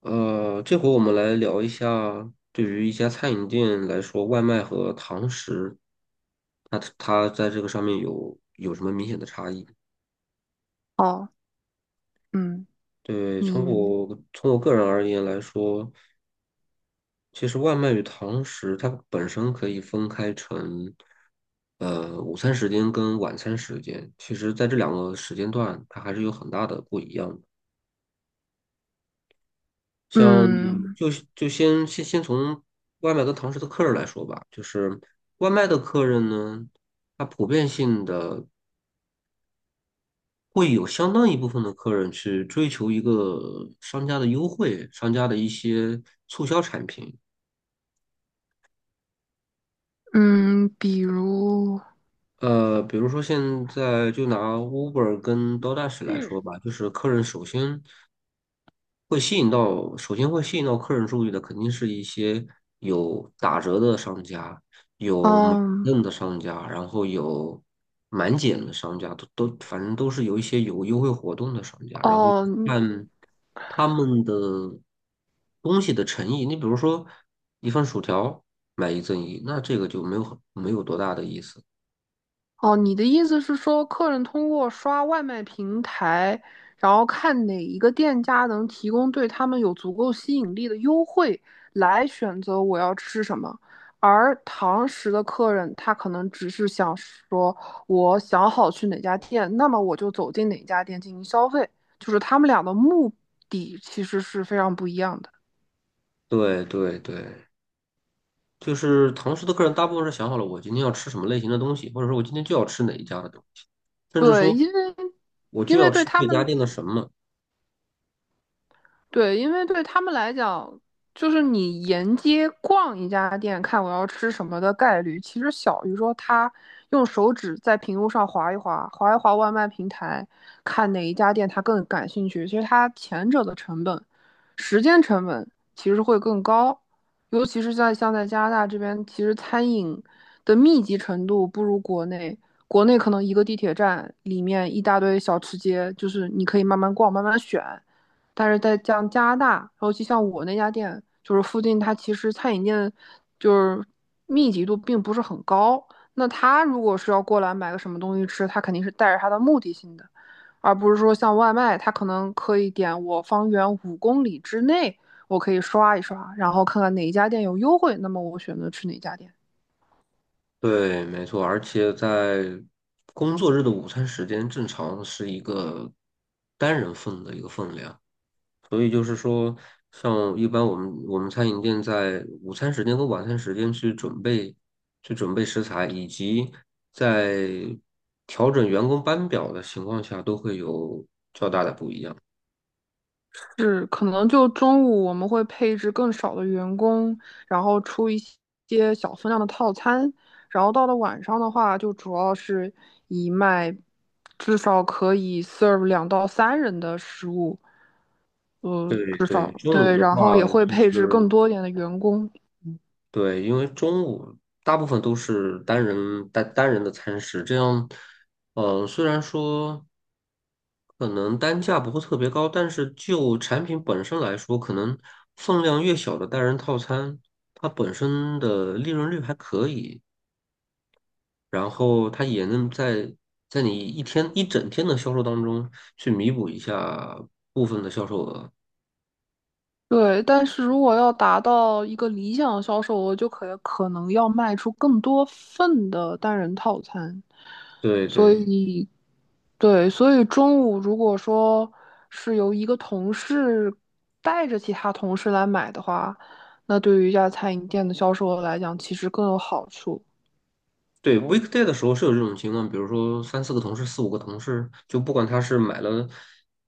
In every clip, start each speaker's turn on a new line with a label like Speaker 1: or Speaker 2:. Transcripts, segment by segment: Speaker 1: 这回我们来聊一下，对于一家餐饮店来说，外卖和堂食，它在这个上面有什么明显的差异？
Speaker 2: 哦，嗯，
Speaker 1: 对，从
Speaker 2: 你，
Speaker 1: 我从我个人而言来说，其实外卖与堂食它本身可以分开成，午餐时间跟晚餐时间，其实在这两个时间段，它还是有很大的不一样的。像
Speaker 2: 嗯
Speaker 1: 就是就先先先从外卖跟堂食的客人来说吧，就是外卖的客人呢，他普遍性的会有相当一部分的客人去追求一个商家的优惠，商家的一些促销产品。
Speaker 2: 嗯，
Speaker 1: 比如说现在就拿 Uber 跟 DOOASH 来说
Speaker 2: 嗯，
Speaker 1: 吧，就是客人首先会吸引到，首先会吸引到客人注意的，肯定是一些有打折的商家，有满
Speaker 2: 嗯，
Speaker 1: 赠的商家，然后有满减的商家，都反正都是有一些有优惠活动的商家，然后
Speaker 2: 哦
Speaker 1: 看他们的东西的诚意。你比如说一份薯条买一赠一，那这个就没有多大的意思。
Speaker 2: 哦，你的意思是说，客人通过刷外卖平台，然后看哪一个店家能提供对他们有足够吸引力的优惠，来选择我要吃什么。而堂食的客人，他可能只是想说，我想好去哪家店，那么我就走进哪家店进行消费，就是他们俩的目的其实是非常不一样的。
Speaker 1: 对对对，就是堂食的客人大部分是想好了我今天要吃什么类型的东西，或者说我今天就要吃哪一家的东西，甚至
Speaker 2: 对，
Speaker 1: 说我
Speaker 2: 因
Speaker 1: 就要
Speaker 2: 为对
Speaker 1: 吃
Speaker 2: 他
Speaker 1: 这家
Speaker 2: 们
Speaker 1: 店的什么。
Speaker 2: 对，因为对他们来讲，就是你沿街逛一家店，看我要吃什么的概率，其实小于说他用手指在屏幕上划一划外卖平台，看哪一家店他更感兴趣。其实他前者的成本、时间成本其实会更高，尤其是在像在加拿大这边，其实餐饮的密集程度不如国内。国内可能一个地铁站里面一大堆小吃街，就是你可以慢慢逛、慢慢选。但是在像加拿大，尤其像我那家店，就是附近它其实餐饮店就是密集度并不是很高。那他如果是要过来买个什么东西吃，他肯定是带着他的目的性的，而不是说像外卖，他可能可以点我方圆5公里之内，我可以刷一刷，然后看看哪一家店有优惠，那么我选择去哪家店。
Speaker 1: 对，没错，而且在工作日的午餐时间正常是一个单人份的一个分量，所以就是说，像一般我们餐饮店在午餐时间和晚餐时间去准备食材，以及在调整员工班表的情况下，都会有较大的不一样。
Speaker 2: 是，可能就中午我们会配置更少的员工，然后出一些小分量的套餐，然后到了晚上的话，就主要是以卖至少可以 serve 2到3人的食物，
Speaker 1: 对
Speaker 2: 至少
Speaker 1: 对，中午
Speaker 2: 对，
Speaker 1: 的
Speaker 2: 然后也
Speaker 1: 话
Speaker 2: 会
Speaker 1: 就
Speaker 2: 配置
Speaker 1: 是
Speaker 2: 更多一点的员工。
Speaker 1: 对，因为中午大部分都是单人的餐食，这样，虽然说可能单价不会特别高，但是就产品本身来说，可能分量越小的单人套餐，它本身的利润率还可以，然后它也能在你一天一整天的销售当中去弥补一下部分的销售额。
Speaker 2: 对，但是如果要达到一个理想的销售额，就可能要卖出更多份的单人套餐。
Speaker 1: 对
Speaker 2: 所
Speaker 1: 对。
Speaker 2: 以，对，所以中午如果说是由一个同事带着其他同事来买的话，那对于一家餐饮店的销售额来讲，其实更有好处。
Speaker 1: 对 weekday 的时候是有这种情况，比如说三四个同事、四五个同事，就不管他是买了，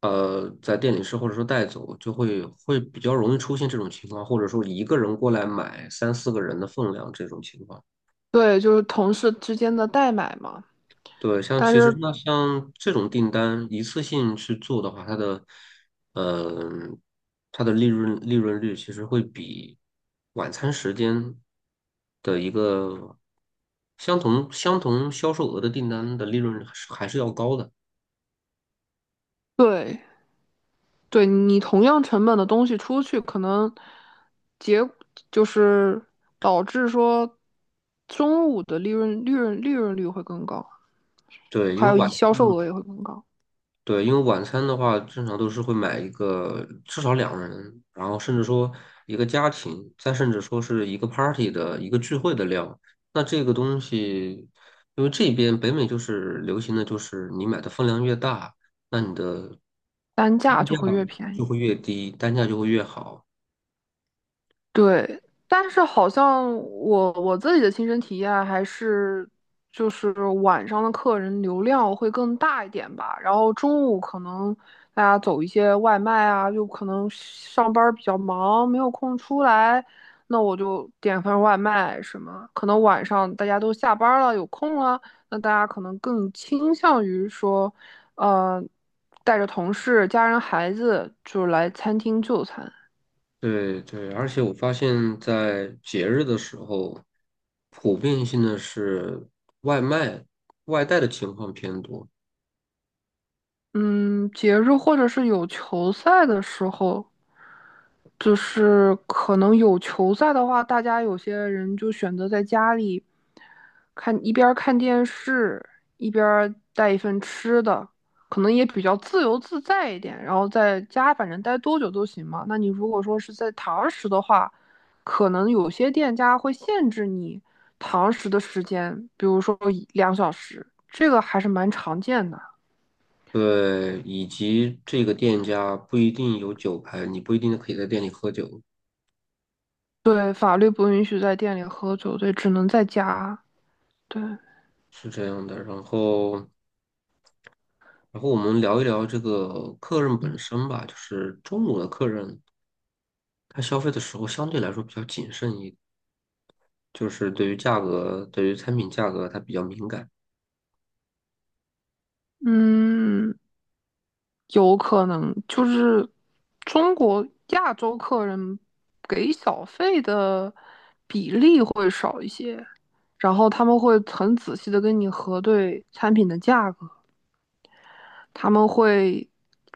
Speaker 1: 在店里吃或者说带走，就会比较容易出现这种情况，或者说一个人过来买三四个人的分量这种情况。
Speaker 2: 对，就是同事之间的代买嘛。
Speaker 1: 对，像
Speaker 2: 但
Speaker 1: 其实
Speaker 2: 是，
Speaker 1: 那像这种订单一次性去做的话，它的，嗯、它的利润率其实会比晚餐时间的一个相同销售额的订单的利润还是要高的。
Speaker 2: 对，对你同样成本的东西出去，可能结就是导致说中午的利润率会更高，
Speaker 1: 对，因
Speaker 2: 还
Speaker 1: 为
Speaker 2: 有一
Speaker 1: 晚
Speaker 2: 销售额也会更高，
Speaker 1: 对，因为晚餐的话，正常都是会买一个至少两人，然后甚至说一个家庭，再甚至说是一个 party 的一个聚会的量。那这个东西，因为这边北美就是流行的就是你买的分量越大，那你的单
Speaker 2: 单价就
Speaker 1: 价
Speaker 2: 会越便
Speaker 1: 就
Speaker 2: 宜。
Speaker 1: 会越低，单价就会越好。
Speaker 2: 对，但是好像我自己的亲身体验还是，就是晚上的客人流量会更大一点吧。然后中午可能大家走一些外卖啊，就可能上班儿比较忙，没有空出来，那我就点份外卖什么。可能晚上大家都下班儿了，有空了，那大家可能更倾向于说，呃，带着同事、家人、孩子，就来餐厅就餐。
Speaker 1: 对对，而且我发现，在节日的时候，普遍性的是外卖、外带的情况偏多。
Speaker 2: 嗯，节日或者是有球赛的时候，就是可能有球赛的话，大家有些人就选择在家里看，一边儿看电视，一边儿带一份吃的，可能也比较自由自在一点。然后在家反正待多久都行嘛。那你如果说是在堂食的话，可能有些店家会限制你堂食的时间，比如说一两小时，这个还是蛮常见的。
Speaker 1: 对，以及这个店家不一定有酒牌，你不一定可以在店里喝酒，
Speaker 2: 对，法律不允许在店里喝酒，对，只能在家。对，
Speaker 1: 是这样的。然后，然后我们聊一聊这个客人本身吧，就是中午的客人，他消费的时候相对来说比较谨慎一，就是对于价格，对于产品价格他比较敏感。
Speaker 2: 嗯，有可能就是中国亚洲客人给小费的比例会少一些，然后他们会很仔细的跟你核对产品的价格。他们会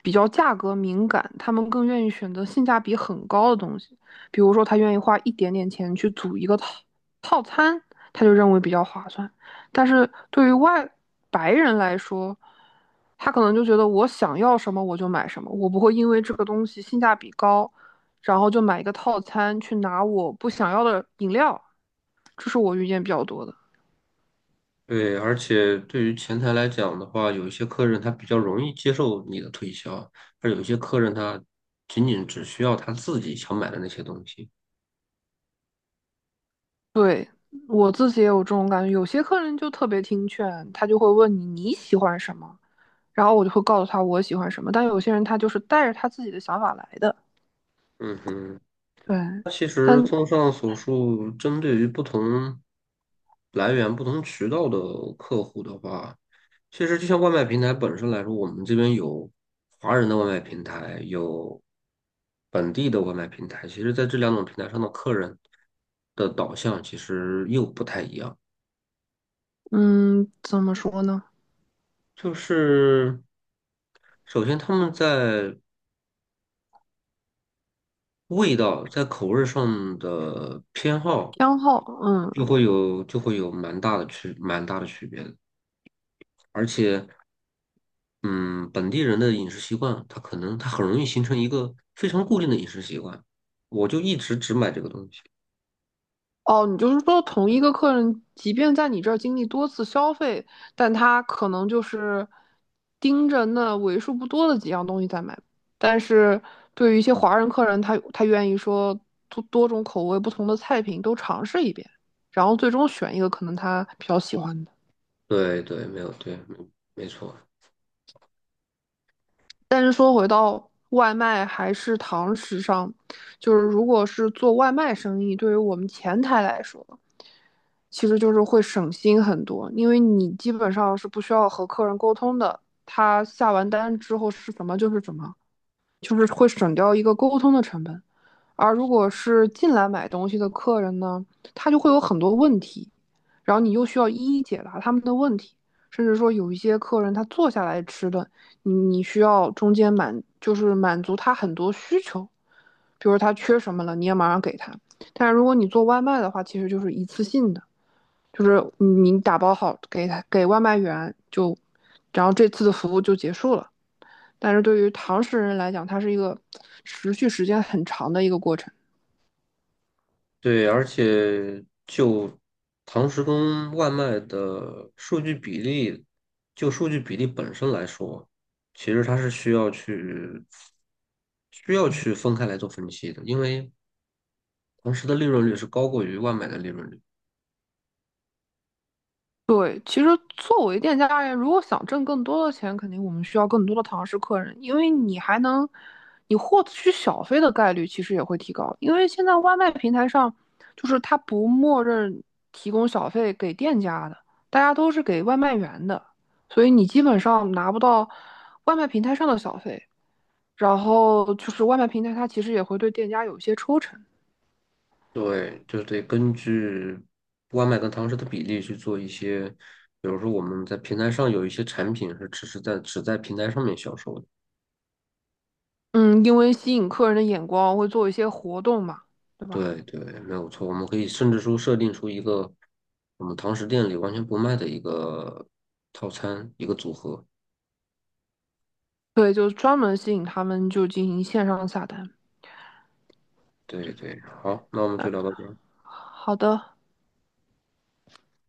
Speaker 2: 比较价格敏感，他们更愿意选择性价比很高的东西，比如说他愿意花一点点钱去组一个套餐，他就认为比较划算。但是对于外白人来说，他可能就觉得我想要什么我就买什么，我不会因为这个东西性价比高，然后就买一个套餐去拿我不想要的饮料，这是我遇见比较多的。
Speaker 1: 对，而且对于前台来讲的话，有一些客人他比较容易接受你的推销，而有一些客人他仅仅只需要他自己想买的那些东西。
Speaker 2: 对，我自己也有这种感觉，有些客人就特别听劝，他就会问你你喜欢什么，然后我就会告诉他我喜欢什么。但有些人他就是带着他自己的想法来的，
Speaker 1: 嗯哼。
Speaker 2: 对，
Speaker 1: 那其实
Speaker 2: 但
Speaker 1: 综上所述，针对于不同来源、不同渠道的客户的话，其实就像外卖平台本身来说，我们这边有华人的外卖平台，有本地的外卖平台。其实，在这两种平台上的客人的导向其实又不太一样。
Speaker 2: 嗯，怎么说呢？
Speaker 1: 就是首先他们在味道在口味上的偏好
Speaker 2: 偏好，
Speaker 1: 就
Speaker 2: 嗯
Speaker 1: 会有就会有蛮大的区别的。嗯，本地人的饮食习惯，他可能他很容易形成一个非常固定的饮食习惯。我就一直只买这个东西。
Speaker 2: 哦，你就是说同一个客人，即便在你这儿经历多次消费，但他可能就是盯着那为数不多的几样东西在买。但是对于一些华人客人，他愿意说多种口味、不同的菜品都尝试一遍，然后最终选一个可能他比较喜欢的。
Speaker 1: 对对，没错。
Speaker 2: 但是说回到外卖还是堂食上，就是如果是做外卖生意，对于我们前台来说，其实就是会省心很多，因为你基本上是不需要和客人沟通的，他下完单之后是什么就是什么。就是会省掉一个沟通的成本。而如果是进来买东西的客人呢，他就会有很多问题，然后你又需要一一解答他们的问题，甚至说有一些客人他坐下来吃的，你需要中间就是满足他很多需求，比如他缺什么了，你也马上给他。但是如果你做外卖的话，其实就是一次性的，就是你打包好给他给外卖员就，然后这次的服务就结束了。但是对于唐食人来讲，它是一个持续时间很长的一个过程。
Speaker 1: 对，而且就堂食跟外卖的数据比例，就数据比例本身来说，其实它是需要去分开来做分析的，因为堂食的利润率是高过于外卖的利润率。
Speaker 2: 对，其实作为店家而言，如果想挣更多的钱，肯定我们需要更多的唐食客人，因为你还能，你获取小费的概率其实也会提高。因为现在外卖平台上，就是它不默认提供小费给店家的，大家都是给外卖员的，所以你基本上拿不到外卖平台上的小费。然后就是外卖平台，它其实也会对店家有一些抽成。
Speaker 1: 对，就得根据外卖跟堂食的比例去做一些，比如说我们在平台上有一些产品是只在平台上面销售的。
Speaker 2: 嗯，因为吸引客人的眼光，会做一些活动嘛，对
Speaker 1: 对
Speaker 2: 吧？
Speaker 1: 对，没有错。我们可以甚至说设定出一个我们堂食店里完全不卖的一个套餐，一个组合。
Speaker 2: 对，就专门吸引他们，就进行线上下单。
Speaker 1: 对对，好，那我们就聊到这儿。
Speaker 2: 好的。